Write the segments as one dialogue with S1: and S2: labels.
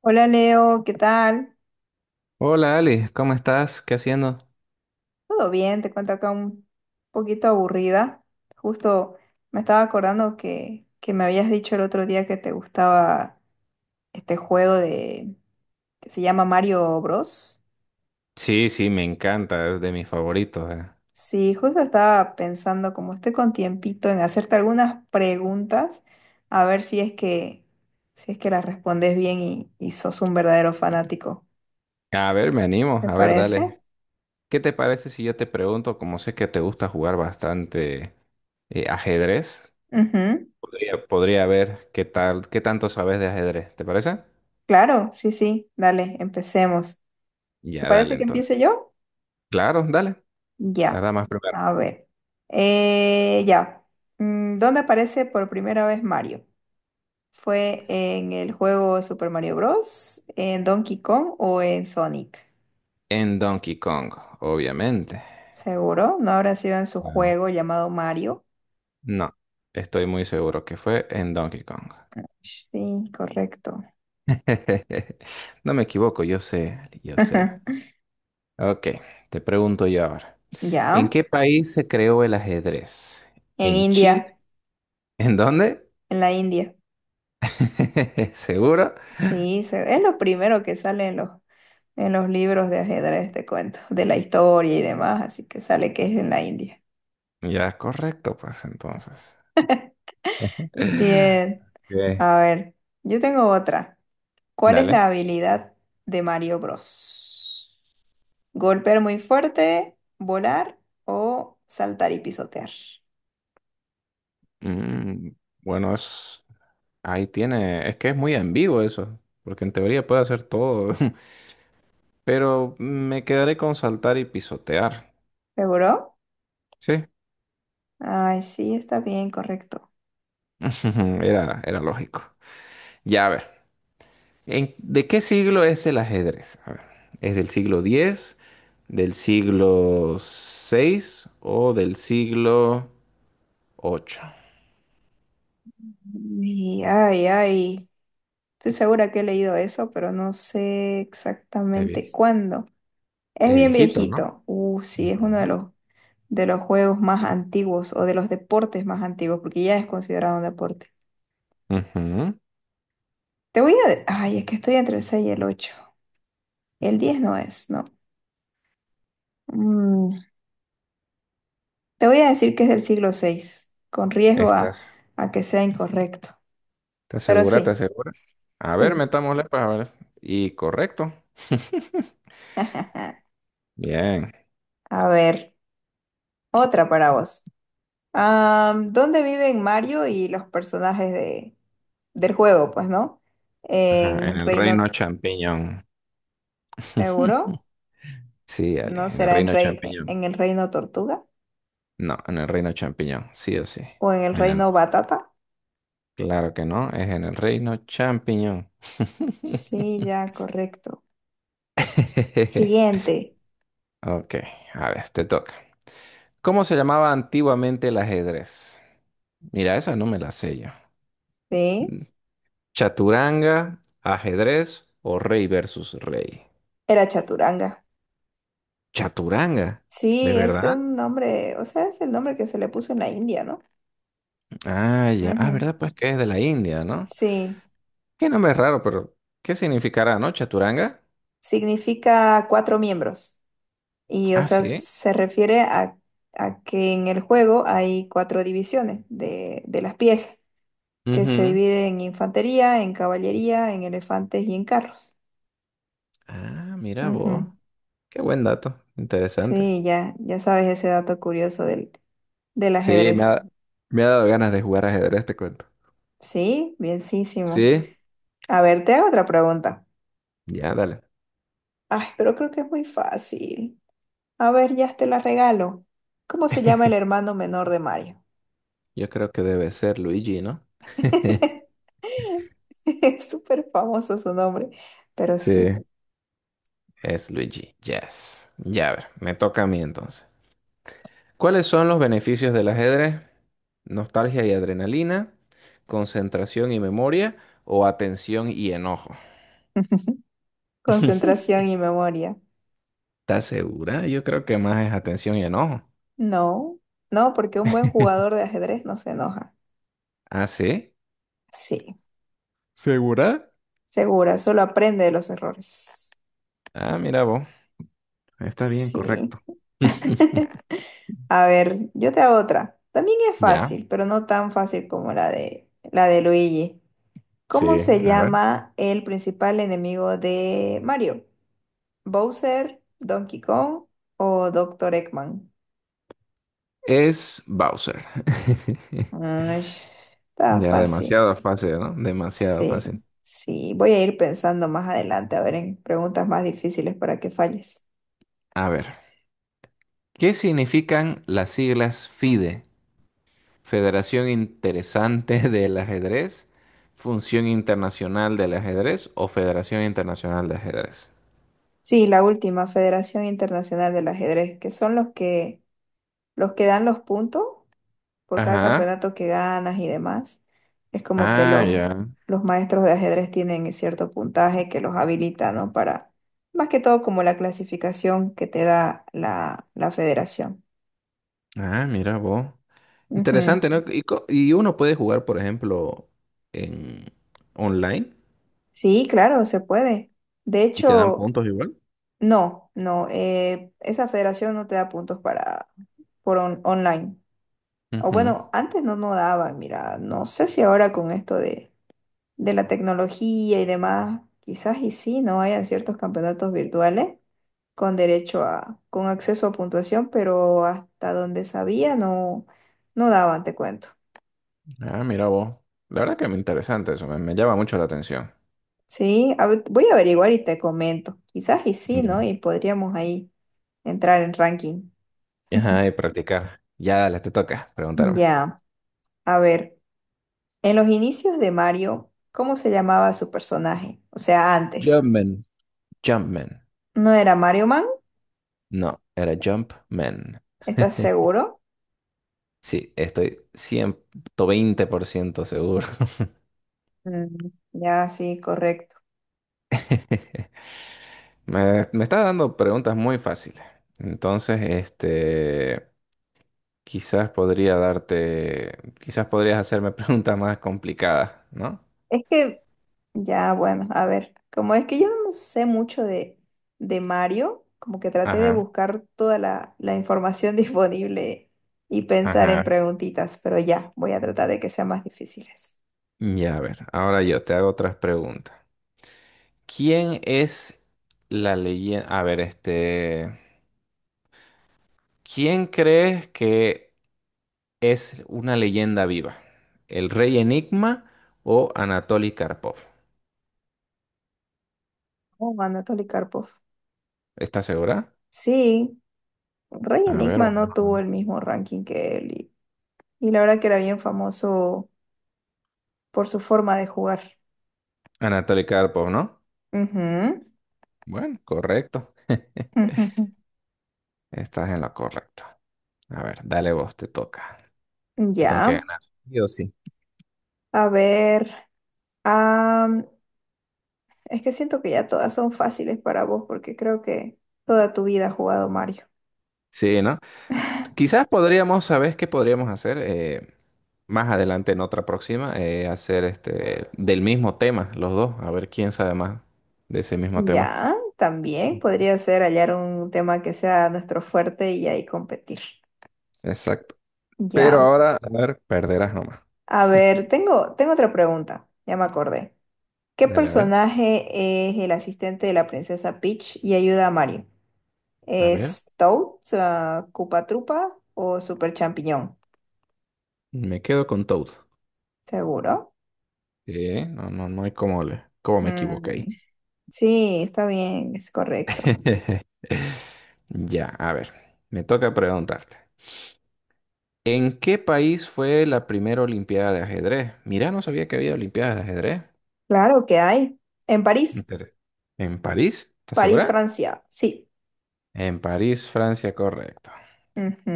S1: Hola Leo, ¿qué tal?
S2: Hola Ali, ¿cómo estás? ¿Qué haciendo?
S1: ¿Todo bien? Te cuento acá un poquito aburrida. Justo me estaba acordando que me habías dicho el otro día que te gustaba este juego de que se llama Mario Bros.
S2: Sí, sí, me encanta, es de mis favoritos.
S1: Sí, justo estaba pensando, como estoy con tiempito, en hacerte algunas preguntas, a ver si es que las respondes bien y sos un verdadero fanático.
S2: A ver, me animo,
S1: ¿Te
S2: a ver,
S1: parece?
S2: dale. ¿Qué te parece si yo te pregunto, como sé que te gusta jugar bastante ajedrez?
S1: Ujú.
S2: Podría ver qué tal, qué tanto sabes de ajedrez, ¿te parece?
S1: Claro, sí, sí. Dale, empecemos. ¿Te
S2: Ya, dale
S1: parece que
S2: entonces.
S1: empiece yo?
S2: Claro, dale. Las
S1: Ya,
S2: damas primero.
S1: a ver. Ya. Mm, ¿dónde aparece por primera vez Mario? ¿Fue en el juego Super Mario Bros., en Donkey Kong o en Sonic?
S2: En Donkey Kong, obviamente.
S1: Seguro, no habrá sido en su
S2: Ah.
S1: juego llamado Mario.
S2: No, estoy muy seguro que fue en Donkey Kong.
S1: Sí, correcto.
S2: No me equivoco, yo sé, yo sé. Ok, te pregunto yo ahora. ¿En
S1: Ya,
S2: qué país se creó el ajedrez?
S1: en
S2: ¿En Chile?
S1: India,
S2: ¿En dónde?
S1: en la India.
S2: ¿Seguro?
S1: Sí, es lo primero que sale en en los libros de ajedrez, te cuento, de la historia y demás, así que sale que es en la India.
S2: Ya, correcto, pues entonces.
S1: Bien.
S2: Ok,
S1: A ver, yo tengo otra. ¿Cuál es la
S2: dale.
S1: habilidad de Mario Bros? ¿Golpear muy fuerte, volar o saltar y pisotear?
S2: Mm, bueno, ahí tiene, es que es muy ambiguo eso, porque en teoría puede hacer todo, pero me quedaré con saltar y pisotear.
S1: ¿Seguro?
S2: Sí,
S1: Ay, sí, está bien, correcto.
S2: era lógico. Ya, a ver. ¿De qué siglo es el ajedrez? A ver, ¿es del siglo diez, del siglo seis o del siglo ocho?
S1: Uy, ay, ay. Estoy segura que he leído eso, pero no sé
S2: Es,
S1: exactamente
S2: vie-
S1: cuándo. Es
S2: es
S1: bien
S2: viejito, ¿no?
S1: viejito. Sí, es uno de
S2: Ujú.
S1: de los juegos más antiguos o de los deportes más antiguos, porque ya es considerado un deporte.
S2: Ujú.
S1: Te voy a... Ay, es que estoy entre el 6 y el 8. El 10 no es, no. Mm, te voy a decir que es del siglo VI, con
S2: ¿Estás,
S1: a que sea incorrecto.
S2: ¿Estás
S1: Pero
S2: segura?
S1: sí,
S2: ¿Estás segura? A ver,
S1: sí.
S2: metámosle para ver. Y correcto. Bien.
S1: A ver, otra para vos. ¿Dónde viven Mario y los personajes del juego? Pues, ¿no?
S2: Ajá, en
S1: ¿En
S2: el
S1: Reino
S2: reino champiñón.
S1: Seguro?
S2: Sí,
S1: ¿No
S2: Ale, en el
S1: será en,
S2: reino champiñón.
S1: en el Reino Tortuga?
S2: No, en el reino champiñón, sí o sí.
S1: ¿O en el
S2: En el
S1: Reino Batata?
S2: Claro que no, es en el reino champiñón.
S1: Sí, ya, correcto. Siguiente.
S2: Ok, a ver, te toca. ¿Cómo se llamaba antiguamente el ajedrez? Mira, esa no me la sé yo.
S1: Sí,
S2: Mm, ¿Chaturanga, ajedrez o rey versus rey?
S1: era Chaturanga.
S2: ¿Chaturanga? ¿De
S1: Sí, es
S2: verdad?
S1: un nombre, o sea, es el nombre que se le puso en la India, ¿no?
S2: Ah, ya. Ah,
S1: Ujú.
S2: ¿verdad? Pues que es de la India, ¿no?
S1: Sí,
S2: Qué nombre raro, pero ¿qué significará, no? ¿Chaturanga?
S1: significa cuatro miembros. Y, o
S2: Ah,
S1: sea,
S2: sí.
S1: se refiere a que en el juego hay cuatro divisiones de las piezas, que se
S2: Ujú.
S1: dividen en infantería, en caballería, en elefantes y en carros.
S2: Ah, mira vos.
S1: Ujú.
S2: Qué buen dato. Interesante.
S1: Sí, ya, ya sabes ese dato curioso del
S2: Sí,
S1: ajedrez.
S2: me ha dado ganas de jugar ajedrez, te cuento.
S1: Sí, bienísimo.
S2: ¿Sí?
S1: A ver, te hago otra pregunta.
S2: Ya, dale.
S1: Ay, pero creo que es muy fácil. A ver, ya te la regalo. ¿Cómo se llama el hermano menor de Mario?
S2: Yo creo que debe ser Luigi, ¿no?
S1: Es súper famoso su nombre, pero
S2: Sí.
S1: sí.
S2: Es Luigi, yes. Ya, a ver, me toca a mí entonces. ¿Cuáles son los beneficios del ajedrez? ¿Nostalgia y adrenalina? ¿Concentración y memoria? ¿O atención y enojo?
S1: Concentración y memoria.
S2: ¿Estás segura? Yo creo que más es atención y enojo.
S1: No, no, porque un buen jugador de ajedrez no se enoja.
S2: ¿Ah, sí?
S1: Sí,
S2: ¿Segura?
S1: segura, solo aprende de los errores.
S2: Ah, mira vos. Está bien,
S1: Sí.
S2: correcto.
S1: A ver, yo te hago otra. También es
S2: Ya.
S1: fácil, pero no tan fácil como la de Luigi. ¿Cómo
S2: Sí,
S1: se
S2: a ver.
S1: llama el principal enemigo de Mario? Bowser, Donkey Kong o Doctor Eggman.
S2: Es Bowser.
S1: Ay, está
S2: Ya
S1: fácil.
S2: demasiado fácil, ¿no? Demasiado
S1: Sí,
S2: fácil.
S1: sí. Voy a ir pensando más adelante, a ver, en preguntas más difíciles para que falles.
S2: A ver, ¿qué significan las siglas FIDE? ¿Federación Interesante del Ajedrez, Función Internacional del Ajedrez o Federación Internacional de Ajedrez?
S1: Sí, la última, Federación Internacional del Ajedrez, que son los que dan los puntos por cada
S2: Ajá.
S1: campeonato que ganas y demás. Es como que
S2: Ah, ya.
S1: los maestros de ajedrez tienen cierto puntaje que los habilita, ¿no? Para, más que todo, como la clasificación que te da la federación.
S2: Ah, mira vos.
S1: Ujú.
S2: Interesante, ¿no? Y, y uno puede jugar, por ejemplo, en online
S1: Sí, claro, se puede. De
S2: y te dan
S1: hecho,
S2: puntos igual.
S1: no, esa federación no te da puntos para por online. O
S2: Ujú.
S1: bueno, antes no nos daba, mira, no sé si ahora con esto de la tecnología y demás, quizás y sí, no hayan ciertos campeonatos virtuales con derecho con acceso a puntuación, pero hasta donde sabía no daban, te cuento.
S2: Ah, mira vos. La verdad que me interesante eso, me llama mucho la atención.
S1: Sí, a ver, voy a averiguar y te comento. Quizás y sí,
S2: Mira.
S1: ¿no? Y podríamos ahí entrar en ranking.
S2: Ajá, y practicar. Ya, dale, te toca preguntarme.
S1: Ya, a ver, en los inicios de Mario, ¿cómo se llamaba su personaje? O sea, antes.
S2: Jumpman. Jumpman.
S1: ¿No era Mario Man?
S2: No, era Jumpman.
S1: ¿Estás seguro?
S2: Sí, estoy 120% seguro.
S1: Mm, Ya, sí, correcto.
S2: Me está dando preguntas muy fáciles. Entonces, quizás podría darte, quizás podrías hacerme preguntas más complicadas, ¿no?
S1: Es que, ya, bueno, a ver, como es que yo no sé mucho de Mario, como que traté de
S2: Ajá,
S1: buscar toda la información disponible y pensar en
S2: ajá.
S1: preguntitas, pero ya, voy a tratar de que sean más difíciles.
S2: Ya, a ver, ahora yo te hago otras preguntas. ¿Quién es la leyenda? A ver, este. ¿Quién crees que es una leyenda viva? ¿El rey Enigma o Anatoly Karpov?
S1: Oh, Anatoly Karpov.
S2: ¿Estás segura?
S1: Sí, Rey
S2: A ver,
S1: Enigma
S2: vamos
S1: no
S2: a
S1: tuvo
S2: ver.
S1: el mismo ranking que él y la verdad que era bien famoso por su forma de jugar.
S2: Anatoly Karpov, ¿no?
S1: Ujú,
S2: Bueno, correcto.
S1: ujú,
S2: Estás en lo correcto. A ver, dale vos, te toca.
S1: ujú.
S2: Te tengo que
S1: Ya,
S2: ganar. Yo sí.
S1: a ver, am, es que siento que ya todas son fáciles para vos porque creo que toda tu vida has jugado Mario.
S2: Sí, ¿no? Quizás podríamos, ¿sabes qué podríamos hacer? Más adelante en otra próxima, hacer este del mismo tema, los dos, a ver quién sabe más de ese mismo tema.
S1: Ya, también
S2: Ujú.
S1: podría ser hallar un tema que sea nuestro fuerte y ahí competir.
S2: Exacto. Pero
S1: Ya,
S2: ahora, a ver, perderás nomás.
S1: a ver, tengo otra pregunta, ya me acordé. ¿Qué
S2: Dale, a ver.
S1: personaje es el asistente de la princesa Peach y ayuda a Mario?
S2: A ver,
S1: ¿Es Toad, ah, Koopa Troopa o Super Champiñón?
S2: me quedo con Toad.
S1: ¿Seguro?
S2: No, no, no hay cómo, cómo me equivoqué
S1: Mm,
S2: ahí.
S1: Sí, está bien, es correcto.
S2: Ya, a ver, me toca preguntarte. ¿En qué país fue la primera Olimpiada de ajedrez? Mira, no sabía que había Olimpiadas de ajedrez.
S1: Claro que hay. En París,
S2: Inter- ¿En París? ¿Estás
S1: París,
S2: segura?
S1: Francia, sí.
S2: En París, Francia, correcto.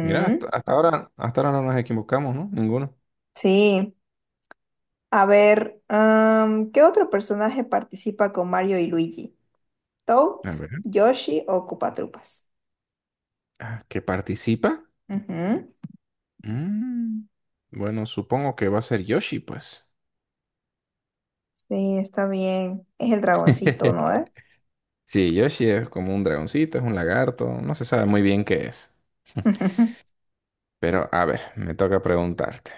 S2: Mira, hasta ahora no nos equivocamos, ¿no? Ninguno.
S1: Sí. A ver, am, ¿qué otro personaje participa con Mario y Luigi? ¿Toad,
S2: A ver.
S1: Yoshi o Koopa Troopas?
S2: Ah, ¿que participa?
S1: Ujú.
S2: Mm, Bueno, supongo que va a ser Yoshi, pues.
S1: Sí, está bien. Es el dragoncito, ¿no?
S2: Sí, Yoshi es como un dragoncito, es un lagarto, no se sabe muy bien qué es.
S1: Ujú.
S2: Pero, a ver, me toca preguntarte.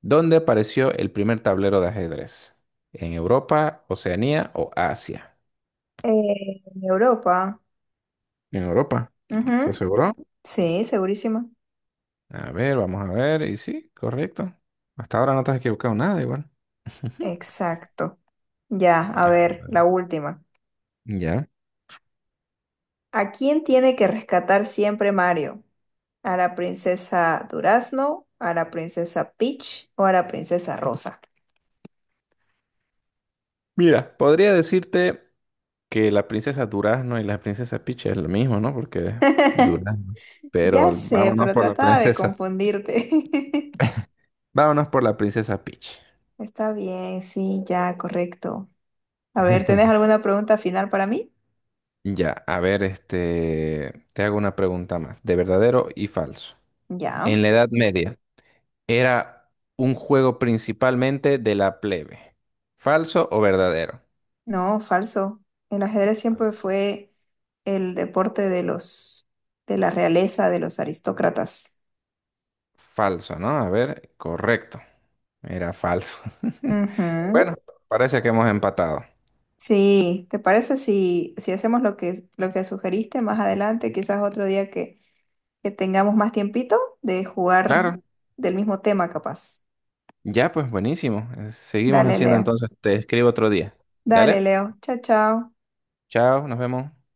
S2: ¿Dónde apareció el primer tablero de ajedrez? ¿En Europa, Oceanía o Asia?
S1: En Europa.
S2: En Europa, ¿estás
S1: Ujú.
S2: seguro?
S1: Sí, segurísimo.
S2: A ver, vamos a ver. Y sí, correcto. Hasta ahora no te has equivocado nada igual.
S1: Exacto. Ya, a
S2: Ya.
S1: ver, la última.
S2: Ya.
S1: ¿A quién tiene que rescatar siempre Mario? ¿A la princesa Durazno? ¿A la princesa Peach? ¿O a la princesa Rosa?
S2: Mira, podría decirte que la princesa Durazno y la princesa Peach es lo mismo, ¿no? Porque es Durazno.
S1: Ya
S2: Pero
S1: sé,
S2: vámonos
S1: pero
S2: por la
S1: trataba de
S2: princesa.
S1: confundirte.
S2: Vámonos por la princesa Peach.
S1: Está bien, sí, ya, correcto. A ver, ¿tenés alguna pregunta final para mí?
S2: Ya, a ver, te hago una pregunta más, de verdadero y falso.
S1: Ya.
S2: En la Edad Media, ¿era un juego principalmente de la plebe? ¿Falso o verdadero?
S1: No, falso. El ajedrez siempre fue el deporte de de la realeza, de los aristócratas.
S2: Falso, ¿no? A ver, correcto. Era falso.
S1: Ujú.
S2: Bueno, parece que hemos empatado.
S1: Sí, ¿te parece si hacemos lo que sugeriste más adelante, quizás otro día que tengamos más tiempito de jugar
S2: Claro,
S1: del mismo tema, capaz?
S2: ya pues buenísimo. Seguimos
S1: Dale,
S2: haciendo
S1: Leo.
S2: entonces. Te escribo otro día.
S1: Dale,
S2: Dale,
S1: Leo. Chao, chao.
S2: chao, nos vemos.